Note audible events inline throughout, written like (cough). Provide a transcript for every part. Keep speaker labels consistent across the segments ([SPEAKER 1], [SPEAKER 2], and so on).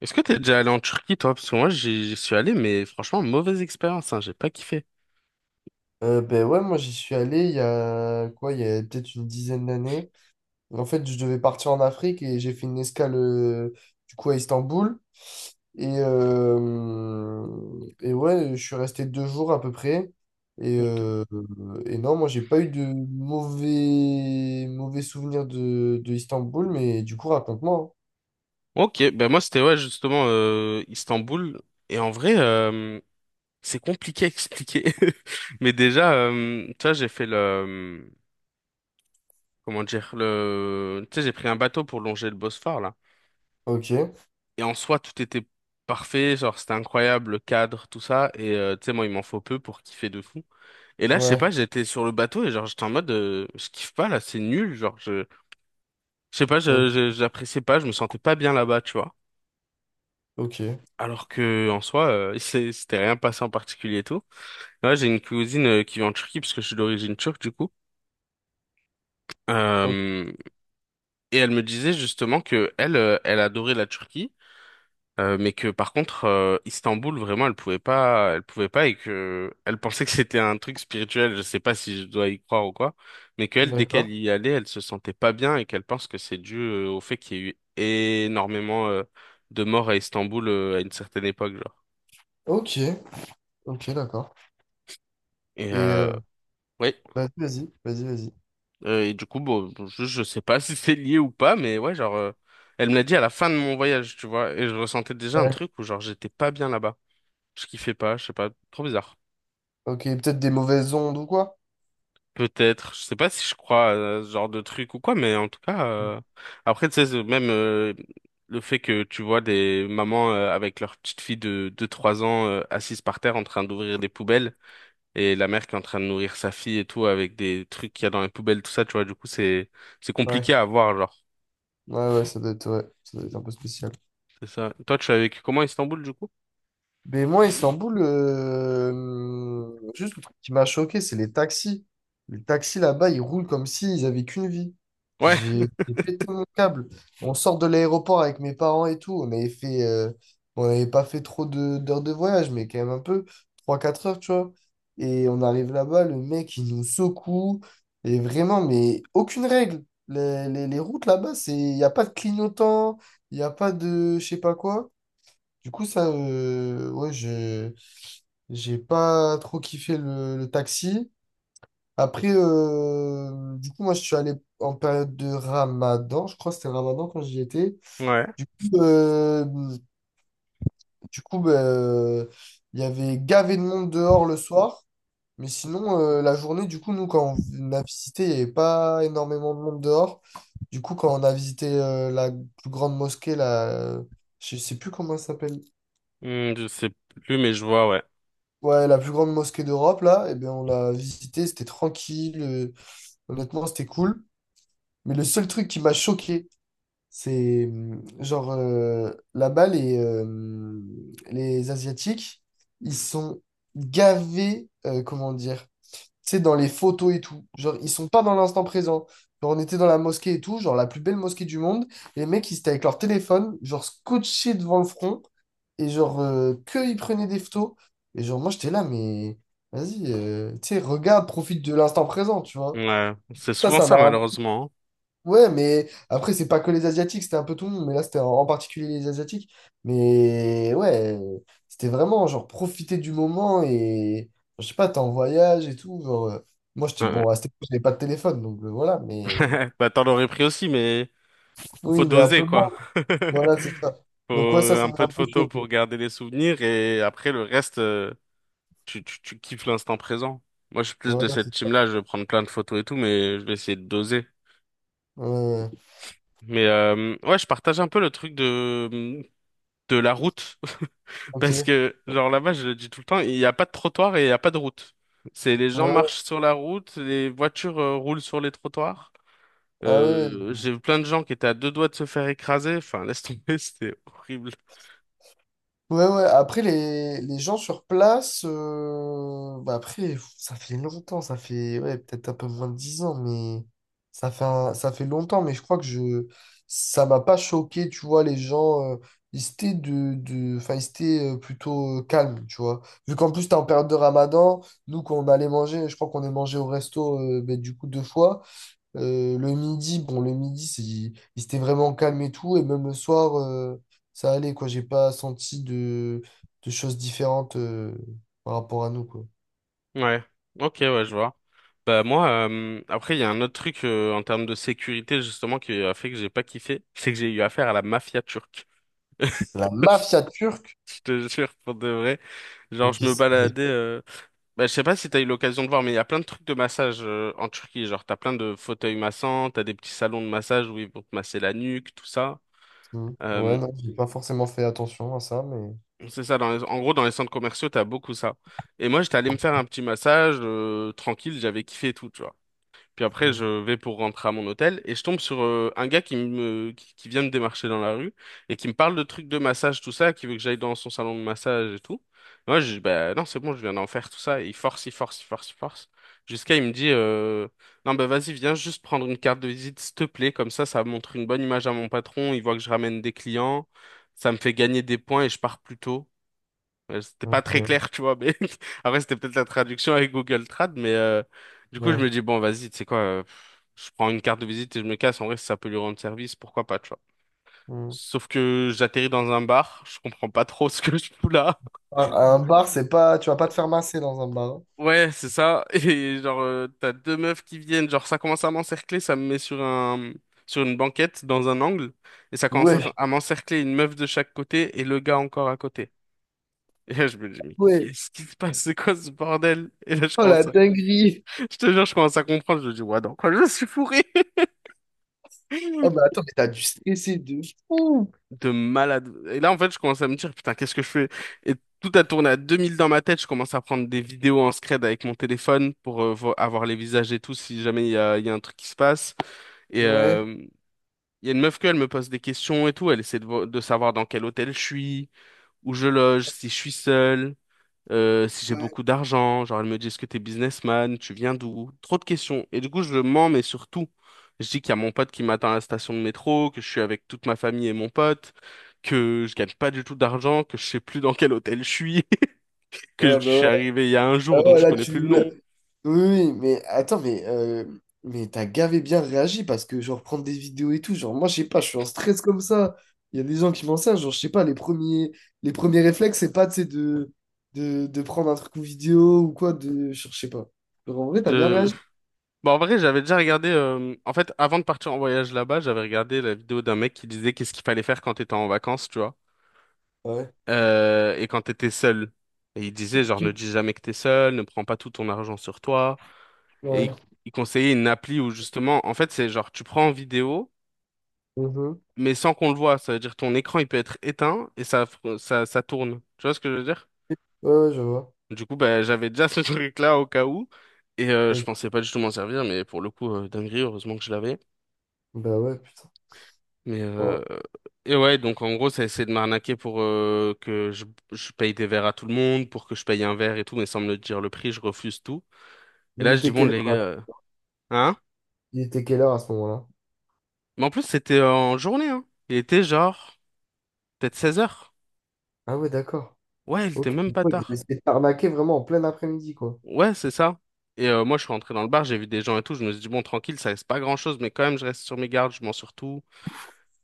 [SPEAKER 1] Est-ce que t'es déjà allé en Turquie, toi? Parce que moi, j'y suis allé, mais franchement, mauvaise expérience, hein, j'ai pas kiffé.
[SPEAKER 2] Ben ouais, moi j'y suis allé il y a quoi, il y a peut-être une dizaine d'années. En fait, je devais partir en Afrique et j'ai fait une escale du coup à Istanbul. Et, euh, et ouais, je suis resté deux jours à peu près. Et,
[SPEAKER 1] Ok.
[SPEAKER 2] euh, et non, moi j'ai pas eu de mauvais souvenirs de Istanbul, mais du coup, raconte-moi.
[SPEAKER 1] Ok, ben moi, c'était, ouais, justement, Istanbul. Et en vrai, c'est compliqué à expliquer. (laughs) Mais déjà, tu vois, Comment dire? Tu sais, j'ai pris un bateau pour longer le Bosphore, là.
[SPEAKER 2] Hein. Ok,
[SPEAKER 1] Et en soi, tout était parfait, genre, c'était incroyable, le cadre, tout ça. Et, tu sais, moi, il m'en faut peu pour kiffer de fou. Et là, je sais
[SPEAKER 2] ouais,
[SPEAKER 1] pas, j'étais sur le bateau et genre, j'étais en mode, je kiffe pas, là, c'est nul, genre, je sais pas,
[SPEAKER 2] o-
[SPEAKER 1] j'appréciais pas, je me sentais pas bien là-bas, tu vois.
[SPEAKER 2] ok,
[SPEAKER 1] Alors que en soi, (laughs) c'était rien passé en particulier et tout. Là, j'ai une cousine qui vit en Turquie parce que je suis d'origine turque du coup.
[SPEAKER 2] ok,
[SPEAKER 1] Euh, et elle me disait justement que elle, elle adorait la Turquie. Mais que par contre Istanbul vraiment elle pouvait pas, et que elle pensait que c'était un truc spirituel, je sais pas si je dois y croire ou quoi, mais qu'elle dès qu'elle
[SPEAKER 2] d'accord.
[SPEAKER 1] y allait elle se sentait pas bien, et qu'elle pense que c'est dû au fait qu'il y a eu énormément de morts à Istanbul à une certaine époque, genre,
[SPEAKER 2] Ok, ok, d'accord.
[SPEAKER 1] et
[SPEAKER 2] Et
[SPEAKER 1] ouais.
[SPEAKER 2] vas-y, vas-y, vas-y,
[SPEAKER 1] Et du coup bon je sais pas (laughs) si c'est lié ou pas, mais ouais, genre elle me l'a dit à la fin de mon voyage, tu vois, et je ressentais déjà un
[SPEAKER 2] vas-y.
[SPEAKER 1] truc où genre j'étais pas bien là-bas, je kiffais pas, je sais pas, trop bizarre.
[SPEAKER 2] Ok, peut-être des mauvaises ondes ou quoi?
[SPEAKER 1] Peut-être, je sais pas si je crois à ce genre de truc ou quoi, mais en tout cas, après, tu sais, même le fait que tu vois des mamans avec leur petite fille de, 3 ans assise par terre en train d'ouvrir des poubelles, et la mère qui est en train de nourrir sa fille et tout avec des trucs qu'il y a dans les poubelles, tout ça, tu vois, du coup, c'est
[SPEAKER 2] Ouais,
[SPEAKER 1] compliqué à voir, genre.
[SPEAKER 2] ouais, ouais, ça doit être, ouais, ça doit être un peu spécial.
[SPEAKER 1] C'est ça. Toi, tu as vécu comment à Istanbul, du coup?
[SPEAKER 2] Mais moi, Istanbul, juste le truc qui m'a choqué, c'est les taxis. Les taxis là-bas, ils roulent comme s'ils avaient qu'une vie.
[SPEAKER 1] Ouais,
[SPEAKER 2] J'ai
[SPEAKER 1] (laughs)
[SPEAKER 2] j'ai pété mon câble. On sort de l'aéroport avec mes parents et tout. On avait fait, on n'avait pas fait trop d'heures de voyage, mais quand même un peu, trois quatre heures, tu vois. Et on arrive là-bas, le mec, il nous secoue. Et vraiment, mais aucune règle. Les routes là-bas, c'est, il n'y a pas de clignotant, il n'y a pas de je sais pas quoi. Du coup, ça, ouais, j'ai pas trop kiffé le taxi. Après, du coup, moi, je suis allé en période de Ramadan. Je crois que c'était Ramadan quand j'y étais.
[SPEAKER 1] ouais.
[SPEAKER 2] Du coup, euh, du coup, bah, il y avait gavé de monde dehors le soir. Mais sinon, la journée, du coup, nous, quand on a visité, il n'y avait pas énormément de monde dehors. Du coup, quand on a visité la plus grande mosquée, la, je sais plus comment elle s'appelle.
[SPEAKER 1] Hmm, je sais plus, mais je vois, ouais.
[SPEAKER 2] Ouais, la plus grande mosquée d'Europe, là, eh bien, on l'a visitée, c'était tranquille, honnêtement, c'était cool. Mais le seul truc qui m'a choqué, c'est genre là-bas, les Asiatiques, ils sont gavés, comment dire, tu sais, dans les photos et tout. Genre, ils sont pas dans l'instant présent. Genre, on était dans la mosquée et tout, genre la plus belle mosquée du monde. Et les mecs, ils étaient avec leur téléphone, genre scotché devant le front. Et genre, que ils prenaient des photos. Et genre, moi, j'étais là, mais vas-y, tu sais, regarde, profite de l'instant présent, tu vois.
[SPEAKER 1] Ouais, c'est
[SPEAKER 2] Ça,
[SPEAKER 1] souvent
[SPEAKER 2] ça
[SPEAKER 1] ça,
[SPEAKER 2] m'a un.
[SPEAKER 1] malheureusement.
[SPEAKER 2] Ouais, mais après, c'est pas que les Asiatiques, c'était un peu tout le monde, mais là, c'était en particulier les Asiatiques. Mais ouais, c'était vraiment genre profiter du moment et je sais pas, t'es en voyage et tout. Genre, moi, j'étais
[SPEAKER 1] Hein. Ouais,
[SPEAKER 2] bon, à cette époque, j'avais pas de téléphone, donc voilà,
[SPEAKER 1] ouais.
[SPEAKER 2] mais
[SPEAKER 1] (laughs) Bah, t'en aurais pris aussi, mais... Faut
[SPEAKER 2] oui, mais un
[SPEAKER 1] doser,
[SPEAKER 2] peu moins.
[SPEAKER 1] quoi.
[SPEAKER 2] Voilà, c'est ça.
[SPEAKER 1] (laughs)
[SPEAKER 2] Donc, ouais, ça,
[SPEAKER 1] Faut
[SPEAKER 2] ça
[SPEAKER 1] un
[SPEAKER 2] m'a
[SPEAKER 1] peu
[SPEAKER 2] un
[SPEAKER 1] de
[SPEAKER 2] peu
[SPEAKER 1] photos
[SPEAKER 2] choqué.
[SPEAKER 1] pour garder les souvenirs, et après le reste, tu kiffes l'instant présent. Moi, je suis plus de
[SPEAKER 2] Voilà,
[SPEAKER 1] cette team-là, je vais prendre plein de photos et tout, mais je vais essayer de doser.
[SPEAKER 2] ouais, ouais, ouais.
[SPEAKER 1] Mais ouais, je partage un peu le truc de, la route. (laughs)
[SPEAKER 2] Ok.
[SPEAKER 1] Parce
[SPEAKER 2] Ouais.
[SPEAKER 1] que, genre là-bas, je le dis tout le temps, il n'y a pas de trottoir et il n'y a pas de route. C'est les gens marchent sur la route, les voitures roulent sur les trottoirs.
[SPEAKER 2] Ah ouais. Ouais.
[SPEAKER 1] J'ai vu plein de gens qui étaient à deux doigts de se faire écraser. Enfin, laisse tomber, (laughs) c'était horrible.
[SPEAKER 2] Ouais, ouais. Après, les gens sur place, bah après, pff, ça fait longtemps, ça fait ouais, peut-être un peu moins de 10 ans, mais ça fait, ça fait longtemps, mais je crois que je, ça m'a pas choqué, tu vois, les gens, ils étaient, enfin, ils étaient plutôt calmes, tu vois. Vu qu'en plus, t'es en période de Ramadan, nous, quand on allait manger, je crois qu'on est mangé au resto, ben, du coup, deux fois. Le midi, bon, le midi, c'est, il s'était vraiment calme et tout. Et même le soir, ça allait, quoi. J'ai pas senti de choses différentes par rapport à nous, quoi.
[SPEAKER 1] Ouais, ok, ouais, je vois. Bah moi, après, il y a un autre truc en termes de sécurité justement qui a fait que j'ai pas kiffé, c'est que j'ai eu affaire à la mafia turque. (laughs)
[SPEAKER 2] La mafia turque.
[SPEAKER 1] Je te jure, pour de vrai. Genre,
[SPEAKER 2] Ok,
[SPEAKER 1] je me baladais. Bah, je sais pas si t'as eu l'occasion de voir, mais il y a plein de trucs de massage en Turquie. Genre, t'as plein de fauteuils massants, t'as des petits salons de massage où ils vont te masser la nuque, tout ça.
[SPEAKER 2] mm. Ouais,
[SPEAKER 1] Euh,
[SPEAKER 2] non, j'ai pas forcément fait attention à ça, mais.
[SPEAKER 1] c'est ça, dans en gros, dans les centres commerciaux, t'as beaucoup ça. Et moi, j'étais allé me faire un petit massage tranquille, j'avais kiffé et tout, tu vois. Puis après,
[SPEAKER 2] Mm.
[SPEAKER 1] je vais pour rentrer à mon hôtel et je tombe sur un gars qui me qui vient me démarcher dans la rue, et qui me parle de trucs de massage, tout ça, qui veut que j'aille dans son salon de massage et tout. Moi, je dis, bah non, c'est bon, je viens d'en faire, tout ça. Et il force, il force, il force, il force. Jusqu'à il me dit, non, bah vas-y, viens juste prendre une carte de visite, s'il te plaît. Comme ça montre une bonne image à mon patron. Il voit que je ramène des clients. Ça me fait gagner des points et je pars plus tôt. C'était pas très
[SPEAKER 2] Ok,
[SPEAKER 1] clair, tu vois, mais (laughs) après, c'était peut-être la traduction avec Google Trad, mais du coup, je
[SPEAKER 2] ouais.
[SPEAKER 1] me dis, bon, vas-y, tu sais quoi, je prends une carte de visite et je me casse. En vrai, si ça peut lui rendre service, pourquoi pas, tu vois.
[SPEAKER 2] Mm.
[SPEAKER 1] Sauf que j'atterris dans un bar, je comprends pas trop ce que je fous là.
[SPEAKER 2] À un bar, c'est pas. Tu vas pas te faire masser dans un bar. Hein.
[SPEAKER 1] Ouais, c'est ça. (laughs) Et genre, t'as deux meufs qui viennent, genre, ça commence à m'encercler, ça me met sur un, sur une banquette dans un angle, et ça commence à,
[SPEAKER 2] Ouais,
[SPEAKER 1] à m'encercler, une meuf de chaque côté et le gars encore à côté. Et là, je me dis, mais
[SPEAKER 2] ouais.
[SPEAKER 1] qu'est-ce qui se passe? C'est quoi ce bordel? Et là, je
[SPEAKER 2] Oh la
[SPEAKER 1] commence.
[SPEAKER 2] dinguerie.
[SPEAKER 1] Je te jure, je commence à comprendre. Je me dis, ouais, dans quoi je suis fourré?
[SPEAKER 2] Oh,
[SPEAKER 1] (laughs)
[SPEAKER 2] mais attends, mais t'as dû stresser de fou.
[SPEAKER 1] De malade. Et là, en fait, je commence à me dire, putain, qu'est-ce que je fais? Et tout a tourné à 2000 dans ma tête. Je commence à prendre des vidéos en scred avec mon téléphone pour avoir les visages et tout, si jamais il y a un truc qui se passe. Et
[SPEAKER 2] Ouais.
[SPEAKER 1] il y a une meuf elle me pose des questions et tout. Elle essaie de savoir dans quel hôtel je suis, où je loge, si je suis seul. Si j'ai beaucoup d'argent, genre elle me dit, est-ce que t'es businessman, tu viens d'où? Trop de questions. Et du coup, je mens, mais surtout, je dis qu'il y a mon pote qui m'attend à la station de métro, que je suis avec toute ma famille et mon pote, que je gagne pas du tout d'argent, que je sais plus dans quel hôtel je suis, (laughs) que je
[SPEAKER 2] Ouais, bah
[SPEAKER 1] suis
[SPEAKER 2] ouais.
[SPEAKER 1] arrivé il y a un
[SPEAKER 2] Ah
[SPEAKER 1] jour, donc
[SPEAKER 2] ouais,
[SPEAKER 1] je
[SPEAKER 2] là,
[SPEAKER 1] connais
[SPEAKER 2] tu.
[SPEAKER 1] plus le
[SPEAKER 2] Oui,
[SPEAKER 1] nom.
[SPEAKER 2] oui, oui, mais attends, mais t'as gavé bien réagi parce que, genre, prendre des vidéos et tout, genre, moi, je sais pas, je suis en stress comme ça. Il y a des gens qui m'en servent, genre, je sais pas, les premiers réflexes, c'est pas, tu sais, de prendre un truc en vidéo ou quoi, de, je sais pas. Genre, en vrai, t'as bien
[SPEAKER 1] Je-
[SPEAKER 2] réagi.
[SPEAKER 1] Bon, en vrai, j'avais déjà regardé. En fait, avant de partir en voyage là-bas, j'avais regardé la vidéo d'un mec qui disait qu'est-ce qu'il fallait faire quand t'étais en vacances, tu vois.
[SPEAKER 2] Ouais.
[SPEAKER 1] Et quand t'étais seul. Et il disait, genre, ne
[SPEAKER 2] Ok.
[SPEAKER 1] dis jamais que t'es seul, ne prends pas tout ton argent sur toi. Et
[SPEAKER 2] Ouais.
[SPEAKER 1] il conseillait une appli où, justement, en fait, c'est genre, tu prends en vidéo,
[SPEAKER 2] Mhm.
[SPEAKER 1] mais sans qu'on le voit. Ça veut dire, ton écran, il peut être éteint, et ça tourne. Tu vois ce que je veux dire?
[SPEAKER 2] Ouais, ouais, je vois.
[SPEAKER 1] Du coup, bah, j'avais déjà (laughs) ce truc-là au cas où. Et je
[SPEAKER 2] Ok.
[SPEAKER 1] pensais pas du tout m'en servir, mais pour le coup, dinguerie, heureusement que je l'avais.
[SPEAKER 2] Bah ouais, putain.
[SPEAKER 1] Mais
[SPEAKER 2] Oh.
[SPEAKER 1] et ouais, donc en gros, ça essaie de m'arnaquer pour je paye des verres à tout le monde, pour que je paye un verre et tout, mais sans me le dire le prix, je refuse tout. Et
[SPEAKER 2] Mais il
[SPEAKER 1] là, je dis,
[SPEAKER 2] était
[SPEAKER 1] bon,
[SPEAKER 2] quelle
[SPEAKER 1] les gars,
[SPEAKER 2] heure, là.
[SPEAKER 1] hein?
[SPEAKER 2] Il était quelle heure à ce moment-là?
[SPEAKER 1] Mais en plus, c'était en journée, hein. Il était genre, peut-être 16 heures.
[SPEAKER 2] Ah ouais, d'accord.
[SPEAKER 1] Ouais, il était
[SPEAKER 2] Ok.
[SPEAKER 1] même pas
[SPEAKER 2] Ouais, ils ont
[SPEAKER 1] tard.
[SPEAKER 2] essayé de t'arnaquer vraiment en plein après-midi, quoi.
[SPEAKER 1] Ouais, c'est ça. Et moi, je suis rentré dans le bar, j'ai vu des gens et tout, je me suis dit, bon, tranquille, ça reste pas grand-chose, mais quand même, je reste sur mes gardes, je m'en sur tout.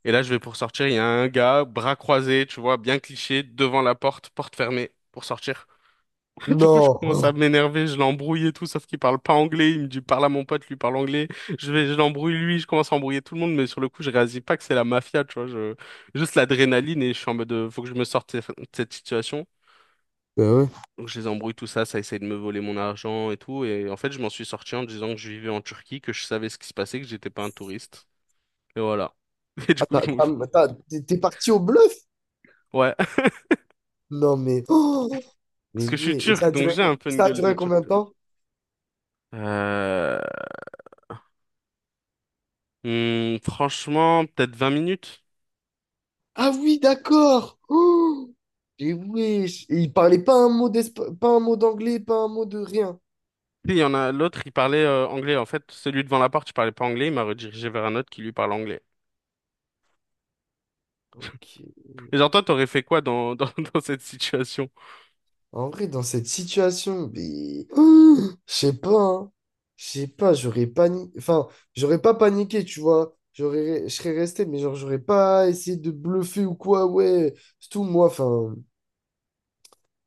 [SPEAKER 1] Et là, je vais pour sortir, il y a un gars, bras croisés, tu vois, bien cliché, devant la porte, porte fermée, pour sortir. (laughs) Du coup, je commence à
[SPEAKER 2] Non.
[SPEAKER 1] m'énerver, je l'embrouille et tout, sauf qu'il parle pas anglais. Il me dit, parle à mon pote, lui parle anglais. Je l'embrouille lui, je commence à embrouiller tout le monde, mais sur le coup, je réalise pas que c'est la mafia, tu vois. Juste l'adrénaline, et je suis en mode, faut que je me sorte de cette situation.
[SPEAKER 2] Bah ouais.
[SPEAKER 1] Donc, je les embrouille tout ça, ça essaye de me voler mon argent et tout. Et en fait, je m'en suis sorti en disant que je vivais en Turquie, que je savais ce qui se passait, que j'étais pas un touriste. Et voilà. (laughs) Et du
[SPEAKER 2] Ah,
[SPEAKER 1] coup, ils m'ont...
[SPEAKER 2] t'es parti au bluff?
[SPEAKER 1] Ouais. (laughs)
[SPEAKER 2] Non, mais. Oh
[SPEAKER 1] Parce
[SPEAKER 2] mais
[SPEAKER 1] que je suis
[SPEAKER 2] ouais. Et ça
[SPEAKER 1] turc,
[SPEAKER 2] a
[SPEAKER 1] donc
[SPEAKER 2] duré,
[SPEAKER 1] j'ai un peu une
[SPEAKER 2] ça a
[SPEAKER 1] gueule de
[SPEAKER 2] duré
[SPEAKER 1] turc,
[SPEAKER 2] combien de
[SPEAKER 1] tu vois.
[SPEAKER 2] temps?
[SPEAKER 1] Euh... franchement, peut-être 20 minutes.
[SPEAKER 2] Ah oui, d'accord. Oh mais wesh. Et il parlait pas un mot pas un mot d'anglais, pas un mot de rien.
[SPEAKER 1] Si, il y en a l'autre, il parlait anglais. En fait, celui devant la porte, il parlait pas anglais. Il m'a redirigé vers un autre qui lui parle anglais.
[SPEAKER 2] Ok.
[SPEAKER 1] Et genre, toi, t'aurais fait quoi (laughs) dans cette situation?
[SPEAKER 2] En vrai, dans cette situation, mais. Oh je sais pas, hein. Je sais pas, j'aurais paniqué. Enfin, j'aurais pas paniqué, tu vois. J'aurais, je serais resté, mais genre, j'aurais pas essayé de bluffer ou quoi, ouais. C'est tout, moi, enfin.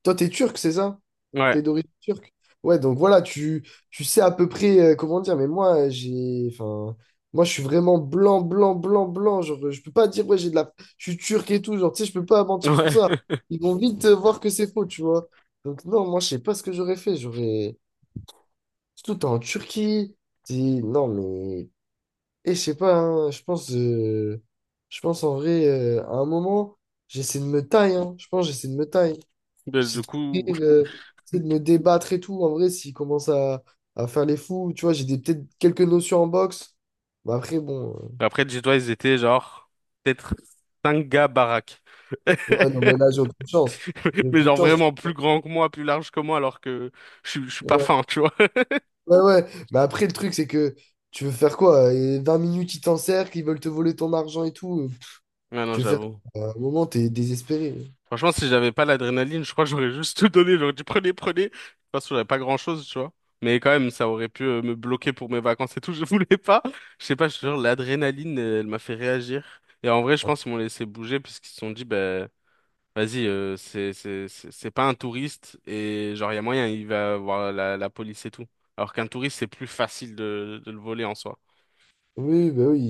[SPEAKER 2] Toi, t'es turc, c'est ça?
[SPEAKER 1] Ouais,
[SPEAKER 2] T'es d'origine turque? Ouais, donc voilà, tu sais à peu près comment dire, mais moi, j'ai, enfin, moi, je suis vraiment blanc, blanc, blanc, blanc. Genre, je peux pas dire, ouais, j'ai de la. Je suis turc et tout, genre, tu sais, je peux pas mentir sur
[SPEAKER 1] ouais.
[SPEAKER 2] ça.
[SPEAKER 1] (laughs)
[SPEAKER 2] Ils vont vite voir que c'est faux, tu vois. Donc, non, moi, je sais pas ce que j'aurais fait. J'aurais. Surtout, t'es en Turquie. T'es... Non, mais. Et je sais pas, hein, je pense. Je pense en vrai, à un moment, j'essaie de me tailler. Hein. Je pense, j'essaie de me tailler.
[SPEAKER 1] Ben,
[SPEAKER 2] J'essaie
[SPEAKER 1] du
[SPEAKER 2] de couper,
[SPEAKER 1] coup,
[SPEAKER 2] j'essaie de me débattre et tout. En vrai, s'il commence à faire les fous, tu vois, peut-être quelques notions en boxe. Mais après, bon.
[SPEAKER 1] (laughs) après, dis-toi, ils étaient genre peut-être cinq gars baraques. (laughs)
[SPEAKER 2] Ouais, non, mais là, j'ai aucune chance. J'ai
[SPEAKER 1] Mais
[SPEAKER 2] aucune
[SPEAKER 1] genre
[SPEAKER 2] chance.
[SPEAKER 1] vraiment plus grand que moi, plus large que moi, alors que je suis pas
[SPEAKER 2] Ouais.
[SPEAKER 1] fin, tu vois. (laughs)
[SPEAKER 2] Ouais, ouais. Mais après, le truc, c'est que tu veux faire quoi? Et 20 minutes, ils t'encerclent, ils veulent te voler ton argent et tout.
[SPEAKER 1] Ouais, non,
[SPEAKER 2] Tu veux faire
[SPEAKER 1] j'avoue.
[SPEAKER 2] quoi. À un moment, t'es désespéré.
[SPEAKER 1] Franchement, si j'avais pas l'adrénaline, je crois que j'aurais juste tout donné. J'aurais dit prenez, prenez. De toute façon, j'avais pas grand-chose, tu vois. Mais quand même, ça aurait pu me bloquer pour mes vacances et tout. (laughs) Je voulais pas. Je sais pas, je te jure, l'adrénaline, elle m'a fait réagir. Et en vrai, je pense qu'ils m'ont laissé bouger parce qu'ils se sont dit, ben, vas-y, c'est pas un touriste, et genre, il y a moyen, il va voir la police et tout. Alors qu'un touriste, c'est plus facile de le voler en soi.
[SPEAKER 2] Oui, bah oui,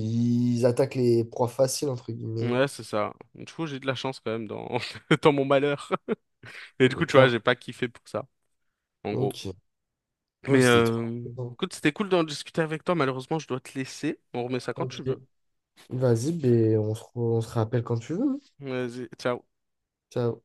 [SPEAKER 2] ils attaquent les proies faciles, entre guillemets.
[SPEAKER 1] Ouais, c'est ça. Du coup, j'ai de la chance quand même dans, (laughs) dans mon malheur. Et du coup,
[SPEAKER 2] Mais
[SPEAKER 1] tu vois,
[SPEAKER 2] clairement.
[SPEAKER 1] j'ai pas kiffé pour ça, en gros.
[SPEAKER 2] Ok. Oh,
[SPEAKER 1] Mais
[SPEAKER 2] c'était trop. Important.
[SPEAKER 1] écoute, c'était cool d'en discuter avec toi. Malheureusement, je dois te laisser. On remet ça quand
[SPEAKER 2] Ok.
[SPEAKER 1] tu veux.
[SPEAKER 2] Vas-y, ben, on se, on se rappelle quand tu veux. Hein.
[SPEAKER 1] Vas-y, ciao.
[SPEAKER 2] Ciao.